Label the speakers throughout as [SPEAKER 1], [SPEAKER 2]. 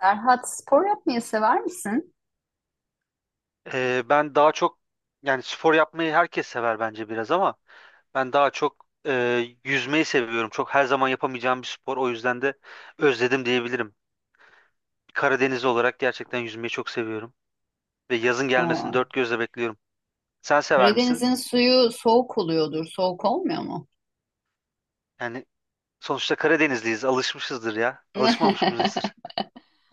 [SPEAKER 1] Serhat spor yapmayı sever misin?
[SPEAKER 2] Ben daha çok yani spor yapmayı herkes sever bence biraz ama ben daha çok yüzmeyi seviyorum. Çok her zaman yapamayacağım bir spor. O yüzden de özledim diyebilirim. Karadenizli olarak gerçekten yüzmeyi çok seviyorum. Ve yazın gelmesini
[SPEAKER 1] Aa,
[SPEAKER 2] dört gözle bekliyorum. Sen sever misin?
[SPEAKER 1] Karadeniz'in suyu soğuk oluyordur. Soğuk olmuyor mu?
[SPEAKER 2] Yani sonuçta Karadenizliyiz. Alışmışızdır ya. Alışmamış mıyızdır?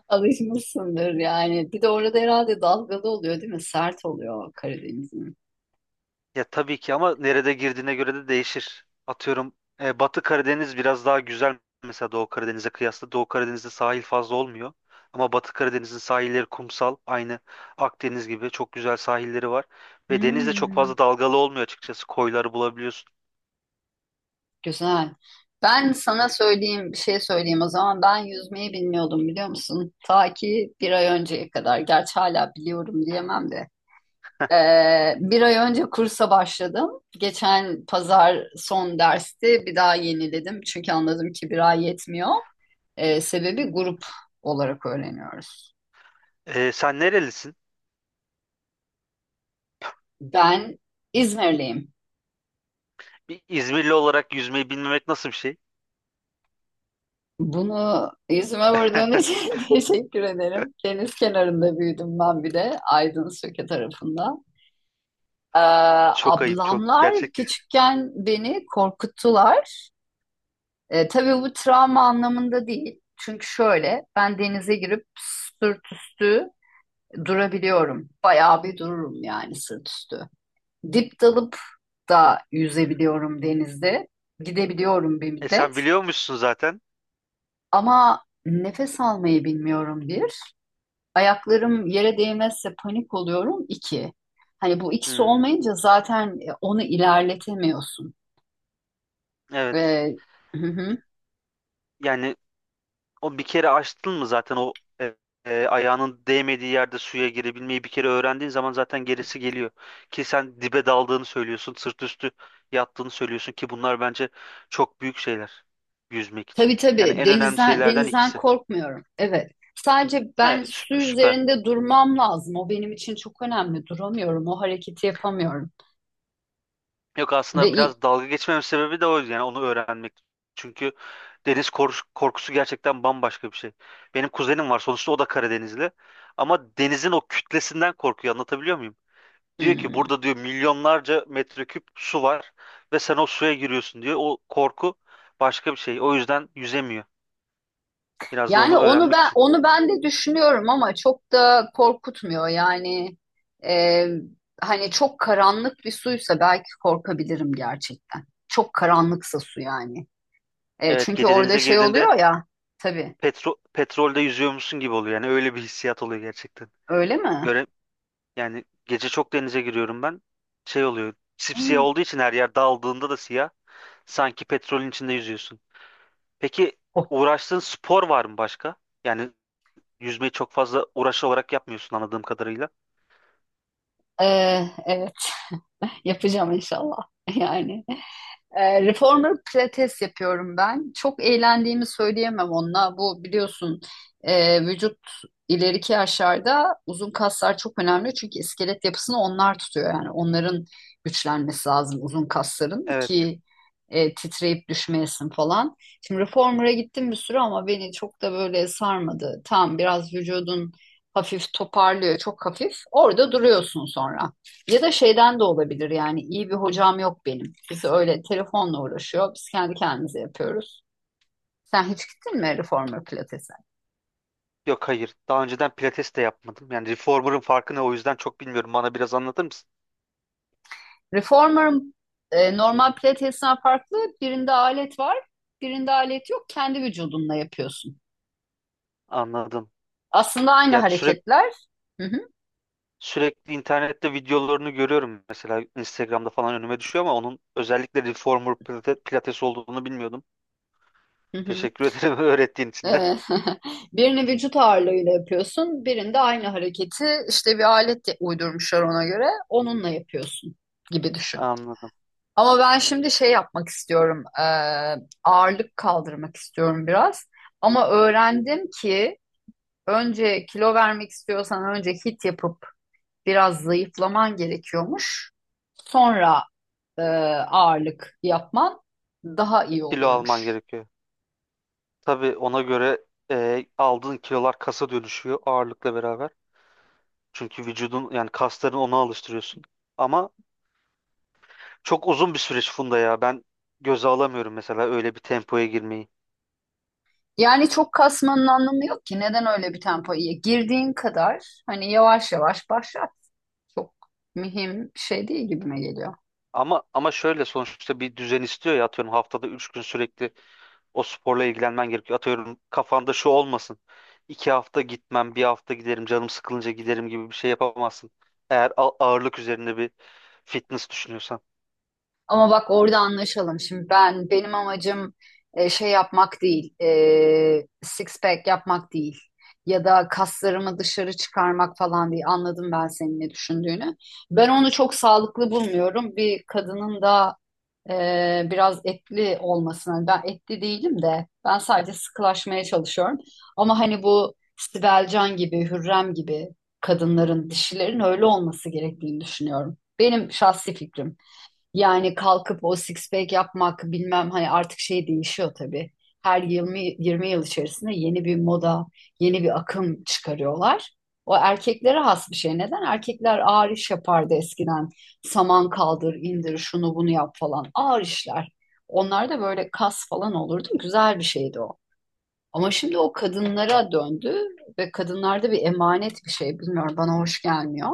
[SPEAKER 1] Alışmışsındır yani. Bir de orada herhalde dalgalı oluyor değil mi? Sert oluyor Karadeniz'in.
[SPEAKER 2] Ya tabii ki ama nerede girdiğine göre de değişir. Atıyorum Batı Karadeniz biraz daha güzel mesela Doğu Karadeniz'e kıyasla. Doğu Karadeniz'de sahil fazla olmuyor. Ama Batı Karadeniz'in sahilleri kumsal. Aynı Akdeniz gibi çok güzel sahilleri var. Ve deniz de çok
[SPEAKER 1] Hmm,
[SPEAKER 2] fazla dalgalı olmuyor açıkçası. Koyları bulabiliyorsun.
[SPEAKER 1] güzel. Ben sana söyleyeyim, bir şey söyleyeyim o zaman. Ben yüzmeyi bilmiyordum biliyor musun? Ta ki bir ay önceye kadar. Gerçi hala biliyorum diyemem de. Bir ay önce kursa başladım. Geçen pazar son dersti. Bir daha yeniledim. Çünkü anladım ki bir ay yetmiyor. Sebebi grup olarak öğreniyoruz.
[SPEAKER 2] E, sen nerelisin?
[SPEAKER 1] Ben İzmirliyim.
[SPEAKER 2] Bir İzmirli olarak yüzmeyi bilmemek nasıl bir şey?
[SPEAKER 1] Bunu yüzüme vurduğun için teşekkür ederim. Deniz kenarında büyüdüm ben bir de. Aydın Söke tarafında. Ee,
[SPEAKER 2] Çok ayıp, çok
[SPEAKER 1] Ablamlar
[SPEAKER 2] gerçekten.
[SPEAKER 1] küçükken beni korkuttular. E, tabii bu travma anlamında değil. Çünkü şöyle ben denize girip sırt üstü durabiliyorum. Bayağı bir dururum yani sırt üstü. Dip dalıp da yüzebiliyorum denizde. Gidebiliyorum bir
[SPEAKER 2] E,
[SPEAKER 1] müddet.
[SPEAKER 2] sen biliyormuşsun zaten.
[SPEAKER 1] Ama nefes almayı bilmiyorum bir. Ayaklarım yere değmezse panik oluyorum iki. Hani bu ikisi
[SPEAKER 2] Hmm,
[SPEAKER 1] olmayınca zaten onu ilerletemiyorsun.
[SPEAKER 2] evet.
[SPEAKER 1] Ve
[SPEAKER 2] Yani o bir kere açtın mı zaten e, ayağının değmediği yerde suya girebilmeyi bir kere öğrendiğin zaman zaten gerisi geliyor. Ki sen dibe daldığını söylüyorsun, sırt üstü yattığını söylüyorsun ki bunlar bence çok büyük şeyler yüzmek
[SPEAKER 1] Tabii
[SPEAKER 2] için. Yani
[SPEAKER 1] tabii
[SPEAKER 2] en önemli
[SPEAKER 1] denizden
[SPEAKER 2] şeylerden
[SPEAKER 1] denizden
[SPEAKER 2] ikisi.
[SPEAKER 1] korkmuyorum. Evet. Sadece
[SPEAKER 2] He,
[SPEAKER 1] ben su
[SPEAKER 2] süper, süper.
[SPEAKER 1] üzerinde durmam lazım. O benim için çok önemli. Duramıyorum. O hareketi yapamıyorum.
[SPEAKER 2] Yok,
[SPEAKER 1] Ve
[SPEAKER 2] aslında
[SPEAKER 1] i-
[SPEAKER 2] biraz dalga geçmemin sebebi de o, yani onu öğrenmek. Çünkü korkusu gerçekten bambaşka bir şey. Benim kuzenim var, sonuçta o da Karadenizli. Ama denizin o kütlesinden korkuyor, anlatabiliyor muyum? Diyor ki
[SPEAKER 1] Hmm.
[SPEAKER 2] burada diyor milyonlarca metreküp su var ve sen o suya giriyorsun diyor. O korku başka bir şey. O yüzden yüzemiyor. Biraz da
[SPEAKER 1] Yani
[SPEAKER 2] onu
[SPEAKER 1] onu
[SPEAKER 2] öğrenmek
[SPEAKER 1] ben
[SPEAKER 2] için.
[SPEAKER 1] onu ben de düşünüyorum ama çok da korkutmuyor. Yani e, hani çok karanlık bir suysa belki korkabilirim gerçekten. Çok karanlıksa su yani. E,
[SPEAKER 2] Evet,
[SPEAKER 1] çünkü
[SPEAKER 2] gece
[SPEAKER 1] orada
[SPEAKER 2] denize
[SPEAKER 1] şey
[SPEAKER 2] girdiğinde
[SPEAKER 1] oluyor ya. Tabii.
[SPEAKER 2] petrolde yüzüyormuşsun gibi oluyor. Yani öyle bir hissiyat oluyor gerçekten.
[SPEAKER 1] Öyle mi?
[SPEAKER 2] Göre yani gece çok denize giriyorum ben. Şey oluyor. Sipsiyah
[SPEAKER 1] Hmm.
[SPEAKER 2] olduğu için her yer, daldığında da siyah. Sanki petrolün içinde yüzüyorsun. Peki
[SPEAKER 1] O-
[SPEAKER 2] uğraştığın spor var mı başka? Yani yüzmeyi çok fazla uğraşı olarak yapmıyorsun anladığım kadarıyla.
[SPEAKER 1] E, evet. Yapacağım inşallah. Yani Reformer Pilates yapıyorum ben. Çok eğlendiğimi söyleyemem onunla. Bu biliyorsun vücut ileriki yaşlarda uzun kaslar çok önemli. Çünkü iskelet yapısını onlar tutuyor. Yani onların güçlenmesi lazım uzun kasların
[SPEAKER 2] Evet.
[SPEAKER 1] ki titreyip düşmeyesin falan. Şimdi Reformer'a gittim bir süre ama beni çok da böyle sarmadı. Tam biraz vücudun hafif toparlıyor, çok hafif. Orada duruyorsun sonra. Ya da şeyden de olabilir yani iyi bir hocam yok benim. Biz öyle telefonla uğraşıyor. Biz kendi kendimize yapıyoruz. Sen hiç gittin mi reformer pilatese?
[SPEAKER 2] Yok, hayır. Daha önceden pilates de yapmadım. Yani reformer'ın farkı ne, o yüzden çok bilmiyorum. Bana biraz anlatır mısın?
[SPEAKER 1] Reformer'ın normal pilatesinden farklı, birinde alet var, birinde alet yok. Kendi vücudunla yapıyorsun.
[SPEAKER 2] Anladım.
[SPEAKER 1] Aslında aynı
[SPEAKER 2] Ya sürekli
[SPEAKER 1] hareketler. Hı hı,
[SPEAKER 2] sürekli internette videolarını görüyorum. Mesela Instagram'da falan önüme düşüyor ama onun özellikle pilates olduğunu bilmiyordum.
[SPEAKER 1] hı hı.
[SPEAKER 2] Teşekkür ederim öğrettiğin için de.
[SPEAKER 1] E, birini vücut ağırlığıyla yapıyorsun, birinde aynı hareketi işte bir alet de uydurmuşlar, ona göre onunla yapıyorsun gibi düşün.
[SPEAKER 2] Anladım.
[SPEAKER 1] Ama ben şimdi şey yapmak istiyorum. Ağırlık kaldırmak istiyorum biraz. Ama öğrendim ki önce kilo vermek istiyorsan önce hit yapıp biraz zayıflaman gerekiyormuş. Sonra e, ağırlık yapman daha iyi
[SPEAKER 2] Kilo alman
[SPEAKER 1] olurmuş.
[SPEAKER 2] gerekiyor. Tabii ona göre aldığın kilolar kasa dönüşüyor ağırlıkla beraber. Çünkü vücudun, yani kasların ona alıştırıyorsun. Ama çok uzun bir süreç Funda ya. Ben göze alamıyorum mesela öyle bir tempoya girmeyi.
[SPEAKER 1] Yani çok kasmanın anlamı yok ki. Neden öyle bir tempoya girdiğin kadar hani yavaş yavaş başlat. Çok mühim bir şey değil gibime geliyor.
[SPEAKER 2] Ama şöyle, sonuçta bir düzen istiyor ya, atıyorum haftada 3 gün sürekli o sporla ilgilenmen gerekiyor. Atıyorum kafanda şu olmasın. 2 hafta gitmem, bir hafta giderim, canım sıkılınca giderim gibi bir şey yapamazsın. Eğer ağırlık üzerinde bir fitness düşünüyorsan.
[SPEAKER 1] Ama bak orada anlaşalım. Şimdi benim amacım şey yapmak değil, six pack yapmak değil ya da kaslarımı dışarı çıkarmak falan değil. Anladım ben senin ne düşündüğünü. Ben onu çok sağlıklı bulmuyorum. Bir kadının da biraz etli olmasına. Ben etli değilim de ben sadece sıkılaşmaya çalışıyorum. Ama hani bu Sibel Can gibi, Hürrem gibi kadınların, dişilerin öyle olması gerektiğini düşünüyorum. Benim şahsi fikrim. Yani kalkıp o six pack yapmak bilmem hani artık şey değişiyor tabii. Her 20 yıl içerisinde yeni bir moda, yeni bir akım çıkarıyorlar. O erkeklere has bir şey. Neden? Erkekler ağır iş yapardı eskiden. Saman kaldır, indir, şunu bunu yap falan. Ağır işler. Onlar da böyle kas falan olurdu. Güzel bir şeydi o. Ama şimdi o kadınlara döndü ve kadınlarda bir emanet bir şey. Bilmiyorum, bana hoş gelmiyor.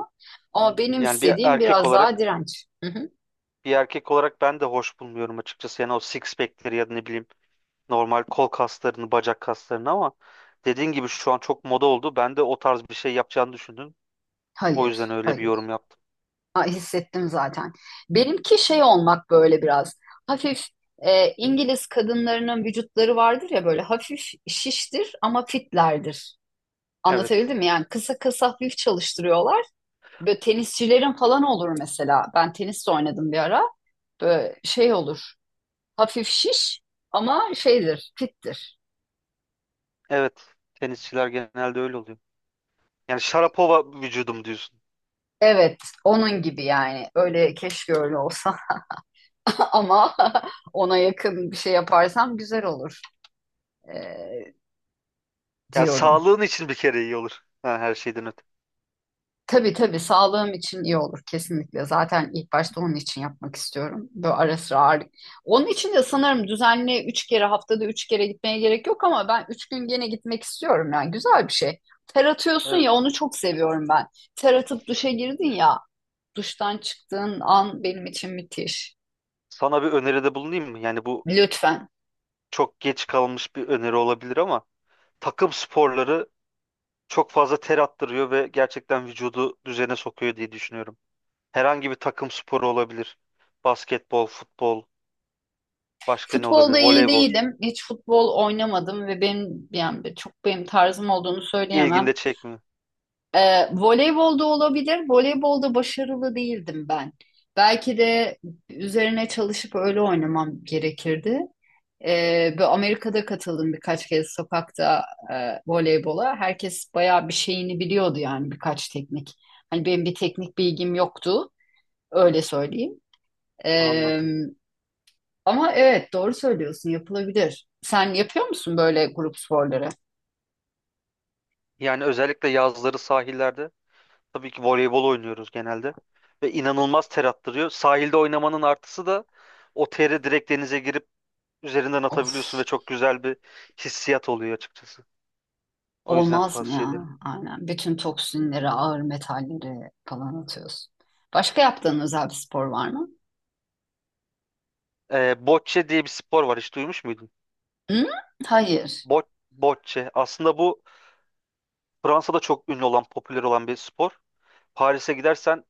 [SPEAKER 1] Ama benim
[SPEAKER 2] Yani bir
[SPEAKER 1] istediğim
[SPEAKER 2] erkek
[SPEAKER 1] biraz daha
[SPEAKER 2] olarak
[SPEAKER 1] direnç. Hı hı.
[SPEAKER 2] Bir erkek olarak ben de hoş bulmuyorum açıkçası. Yani o six pack'leri ya da ne bileyim, normal kol kaslarını, bacak kaslarını ama dediğin gibi şu an çok moda oldu. Ben de o tarz bir şey yapacağını düşündüm. O
[SPEAKER 1] Hayır,
[SPEAKER 2] yüzden öyle bir
[SPEAKER 1] hayır.
[SPEAKER 2] yorum yaptım.
[SPEAKER 1] Aa, hissettim zaten. Benimki şey olmak, böyle biraz hafif, İngiliz kadınlarının vücutları vardır ya, böyle hafif şiştir ama fitlerdir.
[SPEAKER 2] Evet.
[SPEAKER 1] Anlatabildim mi? Yani kısa kısa hafif çalıştırıyorlar. Böyle tenisçilerin falan olur mesela. Ben tenis de oynadım bir ara. Böyle şey olur. Hafif şiş ama şeydir, fittir.
[SPEAKER 2] Evet. Tenisçiler genelde öyle oluyor. Yani Sharapova vücudum diyorsun.
[SPEAKER 1] Evet, onun gibi yani. Öyle keşke öyle olsa ama ona yakın bir şey yaparsam güzel olur e,
[SPEAKER 2] Yani
[SPEAKER 1] diyorum.
[SPEAKER 2] sağlığın için bir kere iyi olur. Ha, her şeyden öte.
[SPEAKER 1] Tabii tabii sağlığım için iyi olur kesinlikle. Zaten ilk başta onun için yapmak istiyorum. Böyle ara sıra ağırlık. Onun için de sanırım düzenli üç kere, haftada üç kere gitmeye gerek yok, ama ben üç gün gene gitmek istiyorum yani güzel bir şey. Ter atıyorsun
[SPEAKER 2] Evet.
[SPEAKER 1] ya, onu çok seviyorum ben. Ter atıp duşa girdin ya, duştan çıktığın an benim için müthiş.
[SPEAKER 2] Sana bir öneride bulunayım mı? Yani bu
[SPEAKER 1] Lütfen.
[SPEAKER 2] çok geç kalmış bir öneri olabilir ama takım sporları çok fazla ter attırıyor ve gerçekten vücudu düzene sokuyor diye düşünüyorum. Herhangi bir takım sporu olabilir. Basketbol, futbol, başka ne olabilir?
[SPEAKER 1] Futbolda iyi
[SPEAKER 2] Voleybol.
[SPEAKER 1] değilim. Hiç futbol oynamadım ve benim yani çok benim tarzım olduğunu söyleyemem.
[SPEAKER 2] İlginde çekmiyor.
[SPEAKER 1] Voleybolda olabilir. Voleybolda başarılı değildim ben. Belki de üzerine çalışıp öyle oynamam gerekirdi. Bu Amerika'da katıldım birkaç kez sokakta voleybola. Herkes bayağı bir şeyini biliyordu yani birkaç teknik. Hani benim bir teknik bilgim yoktu. Öyle söyleyeyim. Ee,
[SPEAKER 2] Anladım.
[SPEAKER 1] Ama evet doğru söylüyorsun, yapılabilir. Sen yapıyor musun böyle grup sporları?
[SPEAKER 2] Yani özellikle yazları sahillerde tabii ki voleybol oynuyoruz genelde. Ve inanılmaz ter attırıyor. Sahilde oynamanın artısı da o teri direkt denize girip üzerinden atabiliyorsun
[SPEAKER 1] Of.
[SPEAKER 2] ve çok güzel bir hissiyat oluyor açıkçası. O yüzden
[SPEAKER 1] Olmaz mı
[SPEAKER 2] tavsiye
[SPEAKER 1] ya?
[SPEAKER 2] ederim.
[SPEAKER 1] Aynen. Bütün toksinleri, ağır metalleri falan atıyorsun. Başka yaptığın özel bir spor var mı?
[SPEAKER 2] Bocce diye bir spor var. Hiç duymuş muydun?
[SPEAKER 1] Hı? Hayır.
[SPEAKER 2] Bo bocce. Aslında bu Fransa'da çok ünlü olan, popüler olan bir spor. Paris'e gidersen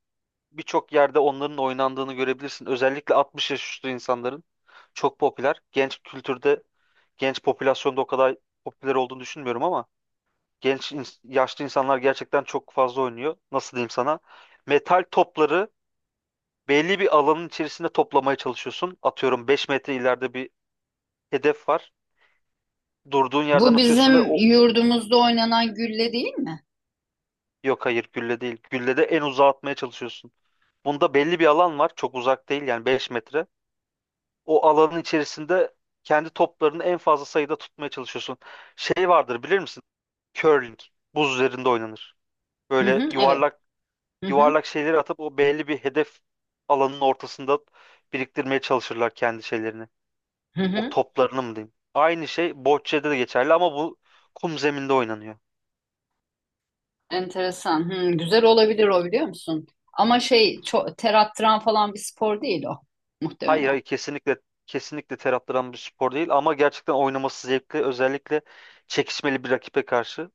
[SPEAKER 2] birçok yerde onların oynandığını görebilirsin. Özellikle 60 yaş üstü insanların çok popüler. Genç popülasyonda o kadar popüler olduğunu düşünmüyorum ama yaşlı insanlar gerçekten çok fazla oynuyor. Nasıl diyeyim sana? Metal topları belli bir alanın içerisinde toplamaya çalışıyorsun. Atıyorum 5 metre ileride bir hedef var. Durduğun yerden
[SPEAKER 1] Bu
[SPEAKER 2] atıyorsun ve
[SPEAKER 1] bizim
[SPEAKER 2] o,
[SPEAKER 1] yurdumuzda oynanan gülle değil mi?
[SPEAKER 2] yok hayır, gülle değil. Gülle de en uzağa atmaya çalışıyorsun. Bunda belli bir alan var. Çok uzak değil, yani 5 metre. O alanın içerisinde kendi toplarını en fazla sayıda tutmaya çalışıyorsun. Şey vardır, bilir misin? Curling. Buz üzerinde oynanır.
[SPEAKER 1] Hı
[SPEAKER 2] Böyle
[SPEAKER 1] hı, evet.
[SPEAKER 2] yuvarlak
[SPEAKER 1] Hı hı,
[SPEAKER 2] yuvarlak şeyleri atıp o belli bir hedef alanının ortasında biriktirmeye çalışırlar kendi şeylerini.
[SPEAKER 1] hı
[SPEAKER 2] O
[SPEAKER 1] hı.
[SPEAKER 2] toplarını mı diyeyim? Aynı şey bocce'de de geçerli ama bu kum zeminde oynanıyor.
[SPEAKER 1] Enteresan. Hı, güzel olabilir o, biliyor musun? Ama şey, çok ter attıran falan bir spor değil o
[SPEAKER 2] Hayır,
[SPEAKER 1] muhtemelen.
[SPEAKER 2] hayır kesinlikle ter attıran bir spor değil ama gerçekten oynaması zevkli, özellikle çekişmeli bir rakibe karşı.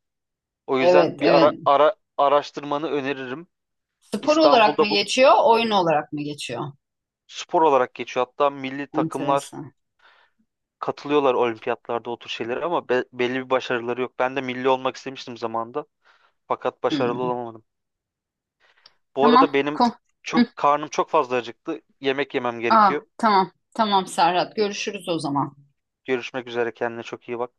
[SPEAKER 2] O yüzden
[SPEAKER 1] Evet,
[SPEAKER 2] bir
[SPEAKER 1] evet.
[SPEAKER 2] araştırmanı öneririm.
[SPEAKER 1] Spor olarak mı
[SPEAKER 2] İstanbul'da bu
[SPEAKER 1] geçiyor, oyun olarak mı geçiyor?
[SPEAKER 2] spor olarak geçiyor. Hatta milli takımlar
[SPEAKER 1] Enteresan.
[SPEAKER 2] katılıyorlar olimpiyatlarda o tür şeylere ama belli bir başarıları yok. Ben de milli olmak istemiştim zamanında fakat başarılı
[SPEAKER 1] Hı.
[SPEAKER 2] olamadım. Bu
[SPEAKER 1] Tamam.
[SPEAKER 2] arada benim
[SPEAKER 1] Kom.
[SPEAKER 2] çok karnım çok fazla acıktı. Yemek yemem
[SPEAKER 1] Aa,
[SPEAKER 2] gerekiyor.
[SPEAKER 1] tamam. Tamam Serhat. Görüşürüz o zaman.
[SPEAKER 2] Görüşmek üzere, kendine çok iyi bak.